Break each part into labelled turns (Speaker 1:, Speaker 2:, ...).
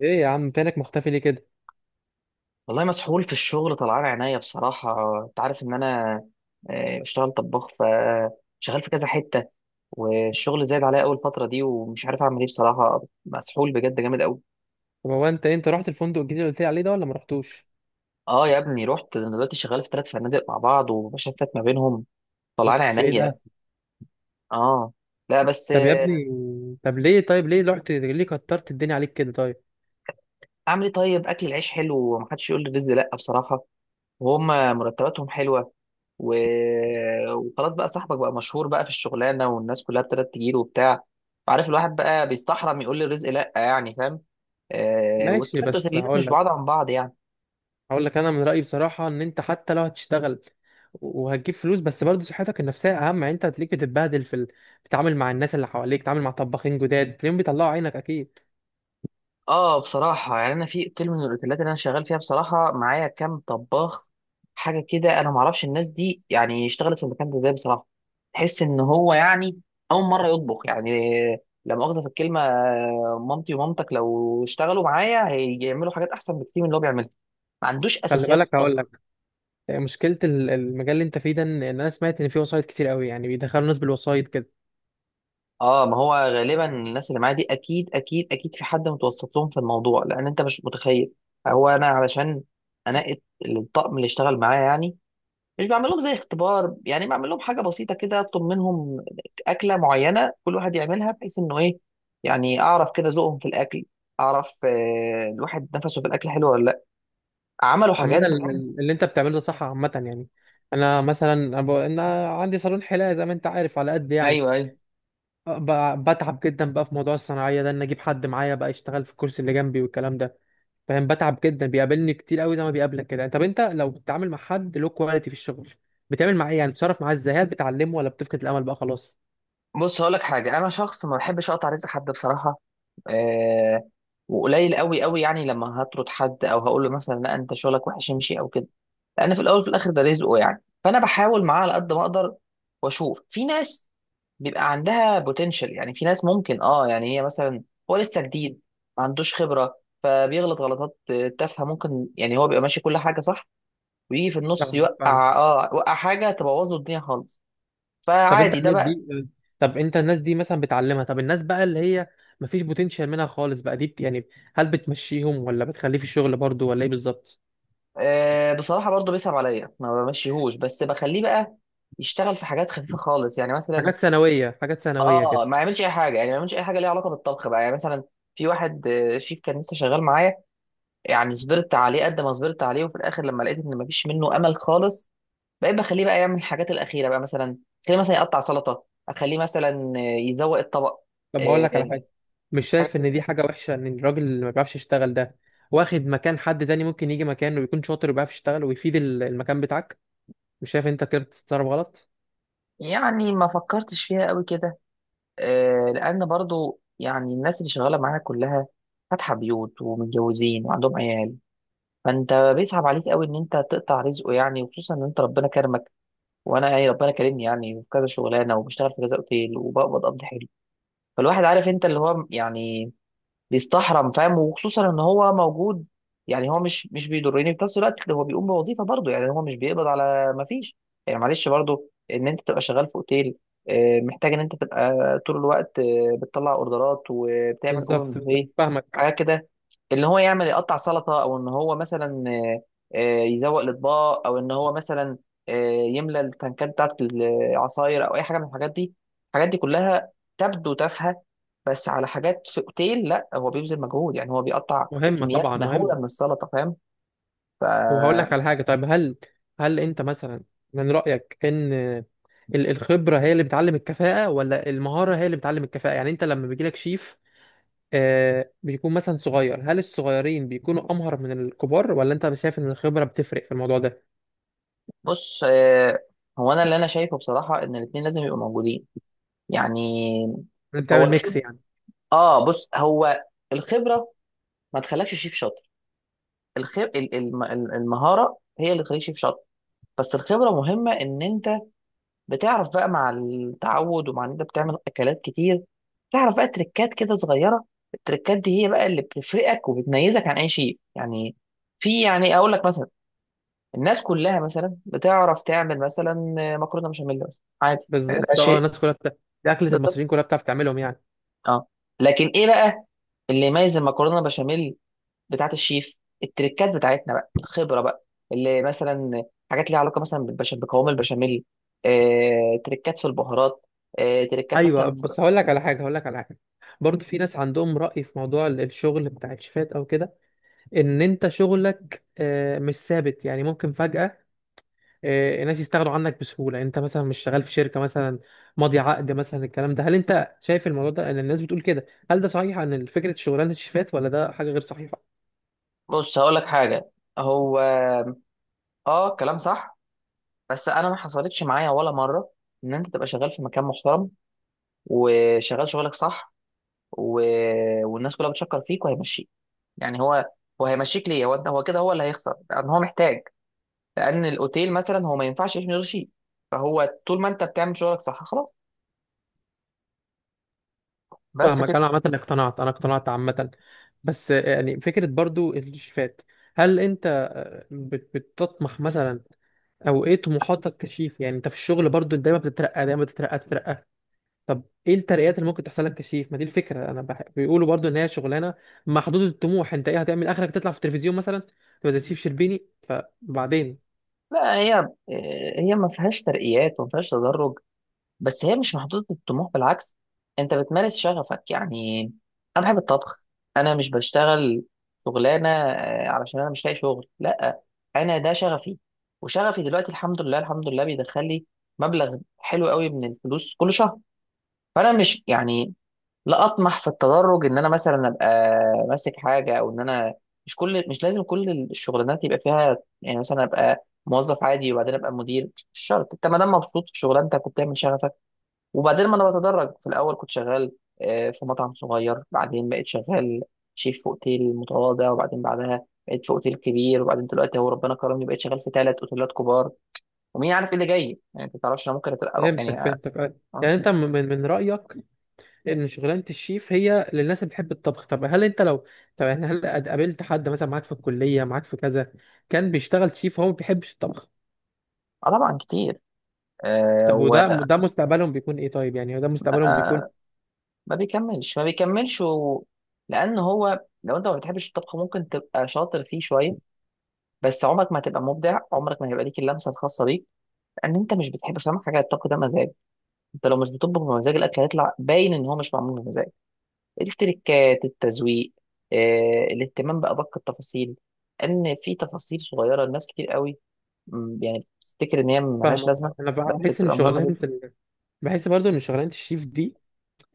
Speaker 1: ايه يا عم، فينك مختفي ليه كده؟
Speaker 2: والله مسحول في الشغل، طلعان عينيا بصراحة. انت عارف ان انا بشتغل طباخ، فشغال في كذا حتة. والشغل زايد عليا اول فترة دي، ومش عارف اعمل ايه بصراحة. مسحول بجد جامد قوي.
Speaker 1: طب هو انت رحت الفندق الجديد اللي قلت لي عليه ده ولا ما رحتوش؟
Speaker 2: اه، يا ابني رحت. انا دلوقتي شغال في ثلاث فنادق مع بعض، وبشفت ما بينهم. طلعان
Speaker 1: اوف، ايه
Speaker 2: عينيا.
Speaker 1: ده؟
Speaker 2: اه. لا بس
Speaker 1: طب يا ابني، طب ليه طيب ليه رحت ليه كترت الدنيا عليك كده؟ طيب
Speaker 2: اعمل ايه طيب؟ اكل العيش حلو، ومحدش يقول لي الرزق لا بصراحة. وهم مرتباتهم حلوه، و... وخلاص بقى، صاحبك بقى مشهور بقى في الشغلانه، والناس كلها ابتدت تجيله وبتاع. عارف، الواحد بقى بيستحرم يقول للرزق لا، يعني، فاهم. آه،
Speaker 1: ماشي،
Speaker 2: والتلات
Speaker 1: بس
Speaker 2: اوتيلات
Speaker 1: هقول
Speaker 2: مش بعاد
Speaker 1: لك
Speaker 2: عن بعض يعني.
Speaker 1: هقول لك انا من رايي بصراحه ان انت حتى لو هتشتغل وهتجيب فلوس، بس برضه صحتك النفسيه اهم. يعني انت هتلاقيك بتتبهدل بتتعامل مع الناس اللي حواليك، بتتعامل مع طباخين جداد تلاقيهم بيطلعوا عينك اكيد.
Speaker 2: اه، بصراحة يعني أنا في أوتيل من الأوتيلات اللي أنا شغال فيها، بصراحة معايا كام طباخ حاجة كده، أنا معرفش الناس دي، يعني اشتغلت في المكان ده إزاي بصراحة. تحس إن هو يعني أول مرة يطبخ يعني. لا مؤاخذة في الكلمة، مامتي ومامتك لو اشتغلوا معايا هيعملوا حاجات أحسن بكتير من اللي هو بيعملها. ما عندوش
Speaker 1: خلي
Speaker 2: أساسيات
Speaker 1: بالك، هقول
Speaker 2: طبخ.
Speaker 1: لك، مشكله المجال اللي انت فيه ده، إن انا سمعت ان فيه وسايط كتير قوي، يعني بيدخلوا ناس بالوسايط كده.
Speaker 2: اه، ما هو غالبا الناس اللي معايا دي أكيد أكيد أكيد في حد متوسط لهم في الموضوع، لأن أنت مش متخيل. هو أنا علشان أنقي الطقم اللي اشتغل معايا يعني، مش بعمل لهم زي اختبار، يعني بعمل لهم حاجه بسيطه كده، اطلب منهم اكله معينه كل واحد يعملها، بحيث انه ايه، يعني اعرف كده ذوقهم في الاكل. اعرف الواحد نفسه في الاكل حلو ولا لا. عملوا
Speaker 1: عامة،
Speaker 2: حاجات بجد.
Speaker 1: اللي انت بتعمله ده صح عامة، يعني انا مثلا، انا عندي صالون حلاقة زي ما انت عارف، على قد يعني.
Speaker 2: ايوه، ايوه.
Speaker 1: بتعب جدا بقى في موضوع الصناعية ده، ان اجيب حد معايا بقى يشتغل في الكرسي اللي جنبي والكلام ده. فاهم؟ بتعب جدا، بيقابلني كتير قوي زي ما بيقابلك كده. طب انت لو بتتعامل مع حد له كواليتي في الشغل، بتعمل معاه ايه؟ يعني بتتصرف معاه ازاي؟ هل بتعلمه ولا بتفقد الامل بقى خلاص؟
Speaker 2: بص، هقول لك حاجه. انا شخص ما بحبش اقطع رزق حد بصراحه. أه. وقليل قوي قوي يعني لما هطرد حد او هقول له مثلا لا انت شغلك وحش، امشي او كده، لان في الاول وفي الاخر ده رزقه. يعني فانا بحاول معاه على قد ما اقدر، واشوف في ناس بيبقى عندها بوتنشال. يعني في ناس ممكن، اه، يعني هي مثلا هو لسه جديد، ما عندوش خبره، فبيغلط غلطات تافهه ممكن. يعني هو بيبقى ماشي كل حاجه صح، ويجي في النص
Speaker 1: فاهمك.
Speaker 2: يوقع، يوقع حاجه تبوظ له الدنيا خالص.
Speaker 1: طب انت
Speaker 2: فعادي ده
Speaker 1: الناس
Speaker 2: بقى.
Speaker 1: دي، مثلا بتعلمها؟ طب الناس بقى اللي هي مفيش بوتنشال منها خالص بقى، يعني هل بتمشيهم ولا بتخليه في الشغل برضو ولا ايه بالظبط؟
Speaker 2: آه، بصراحه برضه بيصعب عليا، ما بمشيهوش، بس بخليه بقى يشتغل في حاجات خفيفه خالص، يعني مثلا.
Speaker 1: حاجات ثانويه، حاجات ثانويه
Speaker 2: اه،
Speaker 1: كده.
Speaker 2: ما يعملش اي حاجه، يعني ما يعملش اي حاجه ليها علاقه بالطبخ بقى، يعني مثلا في واحد شيف كان لسه شغال معايا، يعني صبرت عليه قد ما صبرت عليه، وفي الاخر لما لقيت ان مفيش منه امل خالص، بقيت بخليه بقى يعمل الحاجات الاخيره بقى، مثلا خليه مثلا يقطع سلطه، اخليه مثلا يزوق الطبق.
Speaker 1: طب هقول لك على
Speaker 2: آه،
Speaker 1: حاجه، مش
Speaker 2: حاجات
Speaker 1: شايف ان دي
Speaker 2: كده.
Speaker 1: حاجه وحشه؟ ان الراجل اللي ما بيعرفش يشتغل ده واخد مكان حد تاني ممكن يجي مكانه ويكون شاطر وبيعرف يشتغل ويفيد المكان بتاعك. مش شايف انت كده بتتصرف غلط؟
Speaker 2: يعني ما فكرتش فيها قوي كده. لان برضو يعني الناس اللي شغاله معايا كلها فاتحه بيوت ومتجوزين وعندهم عيال، فانت بيصعب عليك قوي ان انت تقطع رزقه يعني، وخصوصا ان انت ربنا كرمك، وانا يعني ربنا كرمني يعني في كذا شغلانه، وبشتغل في كذا اوتيل، وبقبض قبض حلو. فالواحد عارف انت اللي هو يعني بيستحرم، فاهم، وخصوصا ان هو موجود. يعني هو مش بيضرني، في نفس الوقت هو بيقوم بوظيفه برضه، يعني هو مش بيقبض على ما فيش. يعني معلش برضه، ان انت تبقى شغال في اوتيل محتاج ان انت تبقى طول الوقت، بتطلع اوردرات وبتعمل اوبن
Speaker 1: بالظبط، بالظبط،
Speaker 2: بوفيه.
Speaker 1: فاهمك.
Speaker 2: حاجات كده، اللي هو يعمل يقطع سلطه، او ان هو مثلا يزوق الاطباق، او ان هو مثلا يملى التنكات بتاعت العصاير، او اي حاجه من الحاجات دي. الحاجات دي كلها تبدو تافهه، بس على حاجات في اوتيل، لا، هو بيبذل مجهود، يعني هو بيقطع
Speaker 1: مهمه
Speaker 2: كميات
Speaker 1: طبعا، مهمه.
Speaker 2: مهوله من السلطه، فاهم.
Speaker 1: وهقول لك على حاجة. طيب هل أنت مثلا، من رأيك إن الخبرة هي اللي بتعلم الكفاءة ولا المهارة هي اللي بتعلم الكفاءة؟ يعني أنت لما بيجيلك شيف، بيكون مثلا صغير، هل الصغيرين بيكونوا أمهر من الكبار ولا أنت شايف إن الخبرة بتفرق في الموضوع ده؟
Speaker 2: فبص. هو انا اللي انا شايفه بصراحه ان الاثنين لازم يبقوا موجودين، يعني
Speaker 1: أنت
Speaker 2: هو
Speaker 1: بتعمل ميكس
Speaker 2: الخبره.
Speaker 1: يعني؟
Speaker 2: اه، بص، هو الخبره ما تخلكش شيف شاطر. الخب... ال- ال- الم- المهاره هي اللي تخليك شيف شاطر. بس الخبره مهمه، ان انت بتعرف بقى، مع التعود ومع ان انت بتعمل اكلات كتير، تعرف بقى تريكات كده صغيره. التريكات دي هي بقى اللي بتفرقك وبتميزك عن اي شيء يعني. في، يعني اقول لك مثلا، الناس كلها مثلا بتعرف تعمل مثلا مكرونه بشاميل مثلا، عادي ده
Speaker 1: بالظبط. أه،
Speaker 2: شيء.
Speaker 1: الناس كلها دي أكلة
Speaker 2: بالظبط.
Speaker 1: المصريين كلها بتعرف تعملهم يعني.
Speaker 2: اه، لكن ايه بقى اللي يميز المكرونه بشاميل بتاعت الشيف؟ التريكات بتاعتنا بقى، الخبره بقى، اللي مثلا حاجات ليها علاقه مثلا بقوام البشاميل. تريكات في البهارات. تريكات
Speaker 1: أيوه،
Speaker 2: مثلا.
Speaker 1: بس هقول لك على حاجة. برضه في ناس عندهم رأي في موضوع الشغل بتاع الشيفات أو كده، إن أنت شغلك مش ثابت، يعني ممكن فجأة ناس يستغنوا عنك بسهولة. يعني انت مثلا مش شغال في شركة مثلا ماضي عقد مثلا الكلام ده. هل انت شايف الموضوع ده، ان الناس بتقول كده، هل ده صحيح عن فكرة شغلانة الشيفات ولا ده حاجة غير صحيحة؟
Speaker 2: بص، هقول لك حاجه. هو اه كلام صح، بس انا ما حصلتش معايا ولا مره، ان انت تبقى شغال في مكان محترم، وشغال شغلك صح، و... والناس كلها بتشكر فيك، وهيمشيك. يعني هو، هيمشيك ليه؟ هو كده، هو اللي هيخسر، لان هو محتاج. لان الاوتيل مثلا هو ما ينفعش يعيش من غير شيء. فهو طول ما انت بتعمل شغلك صح، خلاص. بس
Speaker 1: فاهمك.
Speaker 2: كده.
Speaker 1: انا عامة اقتنعت، انا اقتنعت عامة. بس يعني فكرة برضو الشيفات، هل انت بتطمح مثلا، او ايه طموحاتك كشيف؟ يعني انت في الشغل برضو دايما بتترقى، دايما بتترقى. طب ايه الترقيات اللي ممكن تحصل لك كشيف؟ ما دي الفكره، انا بيقولوا برضو ان هي شغلانه محدوده الطموح. انت ايه هتعمل اخرك، تطلع في التلفزيون مثلا تبقى زي شيف شربيني فبعدين؟
Speaker 2: لا، هي ما فيهاش ترقيات وما فيهاش تدرج. بس هي مش محدودة الطموح، بالعكس، انت بتمارس شغفك يعني. انا بحب الطبخ. انا مش بشتغل شغلانة علشان انا مش لاقي شغل، لا، انا ده شغفي. وشغفي دلوقتي الحمد لله الحمد لله بيدخل لي مبلغ حلو قوي من الفلوس كل شهر. فانا مش يعني، لا اطمح في التدرج ان انا مثلا ابقى ماسك حاجة، او ان انا مش لازم كل الشغلانات يبقى فيها، يعني مثلا ابقى موظف عادي وبعدين ابقى مدير. مش شرط. انت ما دام مبسوط في شغلانتك وبتعمل شغفك، وبعدين ما انا بتدرج، في الاول كنت شغال في مطعم صغير، بعدين بقيت شغال شيف في اوتيل متواضع، وبعدين بعدها بقيت في اوتيل كبير، وبعدين دلوقتي هو ربنا كرمني بقيت شغال في ثلاث اوتيلات كبار. ومين عارف ايه اللي جاي يعني؟ انت ما تعرفش، انا ممكن
Speaker 1: فهمتك
Speaker 2: يعني اه.
Speaker 1: فهمتك آه.
Speaker 2: آه،
Speaker 1: يعني انت من رايك ان شغلانه الشيف هي للناس اللي بتحب الطبخ؟ طب هل انت لو، طب يعني هل قابلت حد مثلا معاك في الكليه، معاك في كذا، كان بيشتغل شيف هو ما بيحبش الطبخ؟
Speaker 2: طبعا، كتير. آه،
Speaker 1: طب ده مستقبلهم بيكون ايه طيب؟ يعني ده مستقبلهم بيكون.
Speaker 2: وما بيكملش ما بيكملش لان هو، لو انت ما بتحبش الطبخ، ممكن تبقى شاطر فيه شويه، بس عمرك ما هتبقى مبدع، عمرك ما هيبقى ليك اللمسه الخاصه بيك، لان انت مش بتحب. بس أهم حاجه الطبخ ده مزاج. انت لو مش بتطبخ بمزاج، الاكل هيطلع باين ان هو مش معمول بمزاج. التركات، التزويق، الاهتمام بادق التفاصيل، ان في تفاصيل صغيره الناس كتير قوي، يعني بتفتكر ان هي ملهاش
Speaker 1: فاهمك
Speaker 2: لازمه،
Speaker 1: آه. انا
Speaker 2: بس
Speaker 1: بحس ان
Speaker 2: بتبقى مهمه
Speaker 1: شغلانه
Speaker 2: جدا.
Speaker 1: بحس برضو ان شغلانه الشيف دي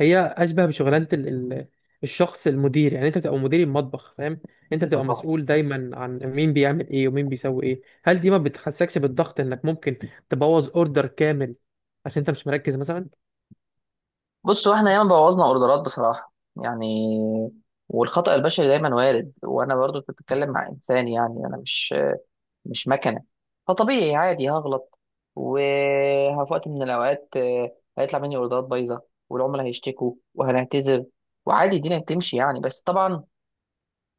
Speaker 1: هي اشبه بشغلانه الشخص المدير. يعني انت بتبقى مدير المطبخ، فاهم؟ انت
Speaker 2: اه
Speaker 1: بتبقى
Speaker 2: طبعا.
Speaker 1: مسؤول دايما عن مين بيعمل ايه ومين بيسوي ايه. هل دي ما بتحسكش بالضغط انك ممكن تبوظ اوردر كامل عشان انت مش مركز مثلا؟
Speaker 2: بصوا، احنا ياما بوظنا اوردرات بصراحه يعني. والخطأ البشري دايما وارد، وانا برضو كنت بتتكلم مع انسان، يعني انا مش مكنه. فطبيعي عادي هغلط. وفي وقت من الاوقات هيطلع مني اوردرات بايظه، والعملاء هيشتكوا وهنعتذر، وعادي الدنيا بتمشي يعني. بس طبعا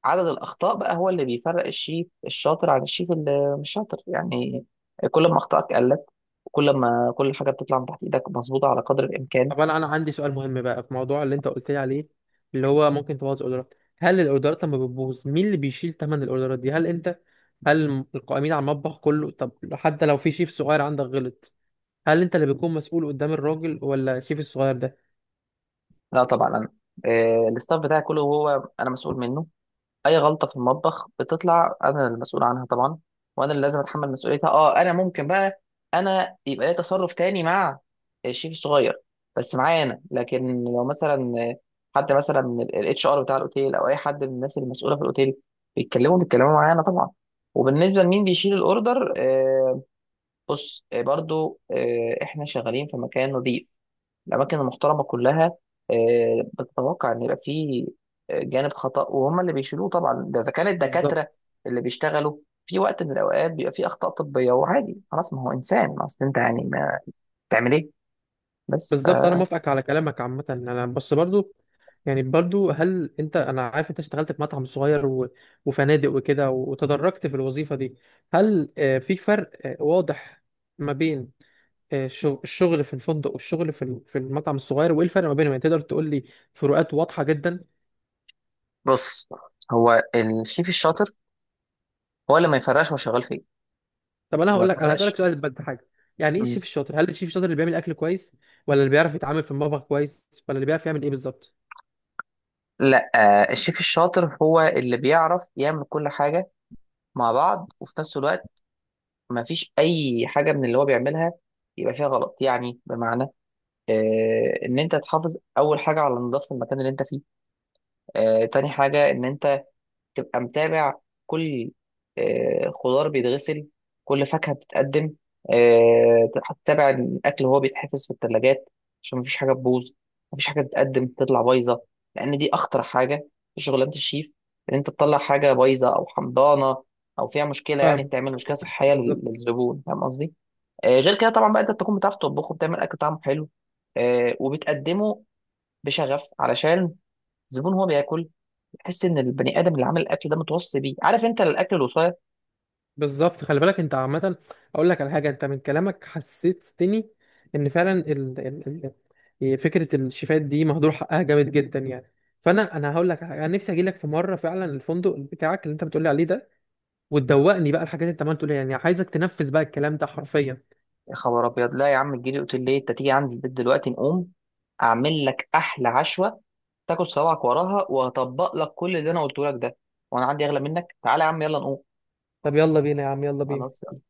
Speaker 2: عدد الاخطاء بقى هو اللي بيفرق الشيف الشاطر عن الشيف اللي مش شاطر يعني. كل ما اخطائك قلت، وكل ما كل حاجه بتطلع من تحت ايدك مظبوطه على قدر الامكان.
Speaker 1: طب انا عندي سؤال مهم بقى في موضوع اللي انت قلت لي عليه، اللي هو ممكن تبوظ اوردرات. هل الاوردرات لما بتبوظ مين اللي بيشيل ثمن الاوردرات دي؟ هل انت، هل القائمين على المطبخ كله؟ طب حتى لو في شيف صغير عندك غلط، هل انت اللي بتكون مسؤول قدام الراجل ولا الشيف الصغير ده؟
Speaker 2: لا طبعا، انا الستاف بتاعي كله هو انا مسؤول منه. اي غلطه في المطبخ بتطلع انا المسؤول عنها طبعا، وانا اللي لازم اتحمل مسؤوليتها. اه، انا ممكن بقى، انا يبقى لي تصرف تاني مع الشيف الصغير، بس معايا انا. لكن لو مثلا حد مثلا من الاتش ار بتاع الاوتيل، او اي حد من الناس المسؤوله في الاوتيل، بيتكلموا معايا انا طبعا. وبالنسبه لمين بيشيل الاوردر، بص، برضو احنا شغالين في مكان نظيف. الأماكن المحترمة كلها بتتوقع إن يبقى فيه جانب خطأ، وهم اللي بيشيلوه طبعا. ده إذا كان الدكاترة
Speaker 1: بالظبط.
Speaker 2: اللي بيشتغلوا، في وقت من الأوقات بيبقى فيه أخطاء طبية، وعادي خلاص، ما هو إنسان، ما أصل أنت يعني، ما تعمل إيه؟ بس
Speaker 1: بالظبط انا موافقك على كلامك عامه. انا بس برضو يعني برضو، هل انت، انا عارف انت اشتغلت في مطعم صغير و... وفنادق وكده، وتدرجت في الوظيفه دي. هل في فرق واضح ما بين الشغل في الفندق والشغل في المطعم الصغير؟ وايه الفرق ما بينهم يعني؟ تقدر تقول لي فروقات واضحه جدا؟
Speaker 2: بص، هو الشيف الشاطر هو اللي ما يفرقش هو شغال فين.
Speaker 1: طب انا
Speaker 2: هو ما
Speaker 1: هقول لك انا
Speaker 2: يفرقش.
Speaker 1: هسالك سؤال، بس حاجه. يعني ايه
Speaker 2: مم.
Speaker 1: الشيف الشاطر؟ هل الشيف الشاطر اللي بيعمل اكل كويس ولا اللي بيعرف يتعامل في المطبخ كويس ولا اللي بيعرف يعمل ايه بالظبط؟
Speaker 2: لا، الشيف الشاطر هو اللي بيعرف يعمل كل حاجة مع بعض، وفي نفس الوقت ما فيش أي حاجة من اللي هو بيعملها يبقى فيها غلط. يعني بمعنى، ان انت تحافظ اول حاجه على نظافه المكان اللي انت فيه. تاني حاجه ان انت تبقى متابع كل خضار بيتغسل، كل فاكهه بتتقدم. هتتابع الاكل وهو بيتحفظ في الثلاجات، عشان مفيش حاجه تبوظ، مفيش حاجه تتقدم تطلع بايظه. لان دي اخطر حاجه في شغلانه الشيف، ان انت تطلع حاجه بايظه او حمضانه، او فيها مشكله، يعني
Speaker 1: فاهم
Speaker 2: تعمل مشكله
Speaker 1: فاهمك.
Speaker 2: صحيه
Speaker 1: بالظبط.
Speaker 2: للزبون، فاهم قصدي؟ غير كده طبعا بقى انت بتكون بتعرف تطبخه، بتعمل اكل طعمه حلو، وبتقدمه بشغف، علشان الزبون هو بياكل يحس ان البني ادم اللي عامل الاكل ده متوصي بيه، عارف انت الاكل الوصايه.
Speaker 1: بالظبط خلي بالك انت عامة، اقول لك على حاجة، انت من كلامك حسستني ان فعلا فكرة الشيفات دي مهدور حقها جامد جدا يعني. فانا هقول لك على حاجة. انا نفسي اجي لك في مرة فعلا الفندق بتاعك اللي انت بتقولي عليه ده، وتدوقني بقى الحاجات اللي انت عمال تقولي، يعني عايزك تنفذ بقى الكلام ده حرفيا.
Speaker 2: يا خبر ابيض! لا يا عم، تجيلي؟ قلت ليه؟ انت تيجي عندي البيت دلوقتي، نقوم اعمل لك احلى عشوه، تاكل صوابعك وراها، وهطبق لك كل اللي انا قلته لك ده. وانا عندي اغلى منك. تعالى يا عم، يلا نقوم.
Speaker 1: طب يلا بينا يا عم، يلا بينا.
Speaker 2: خلاص.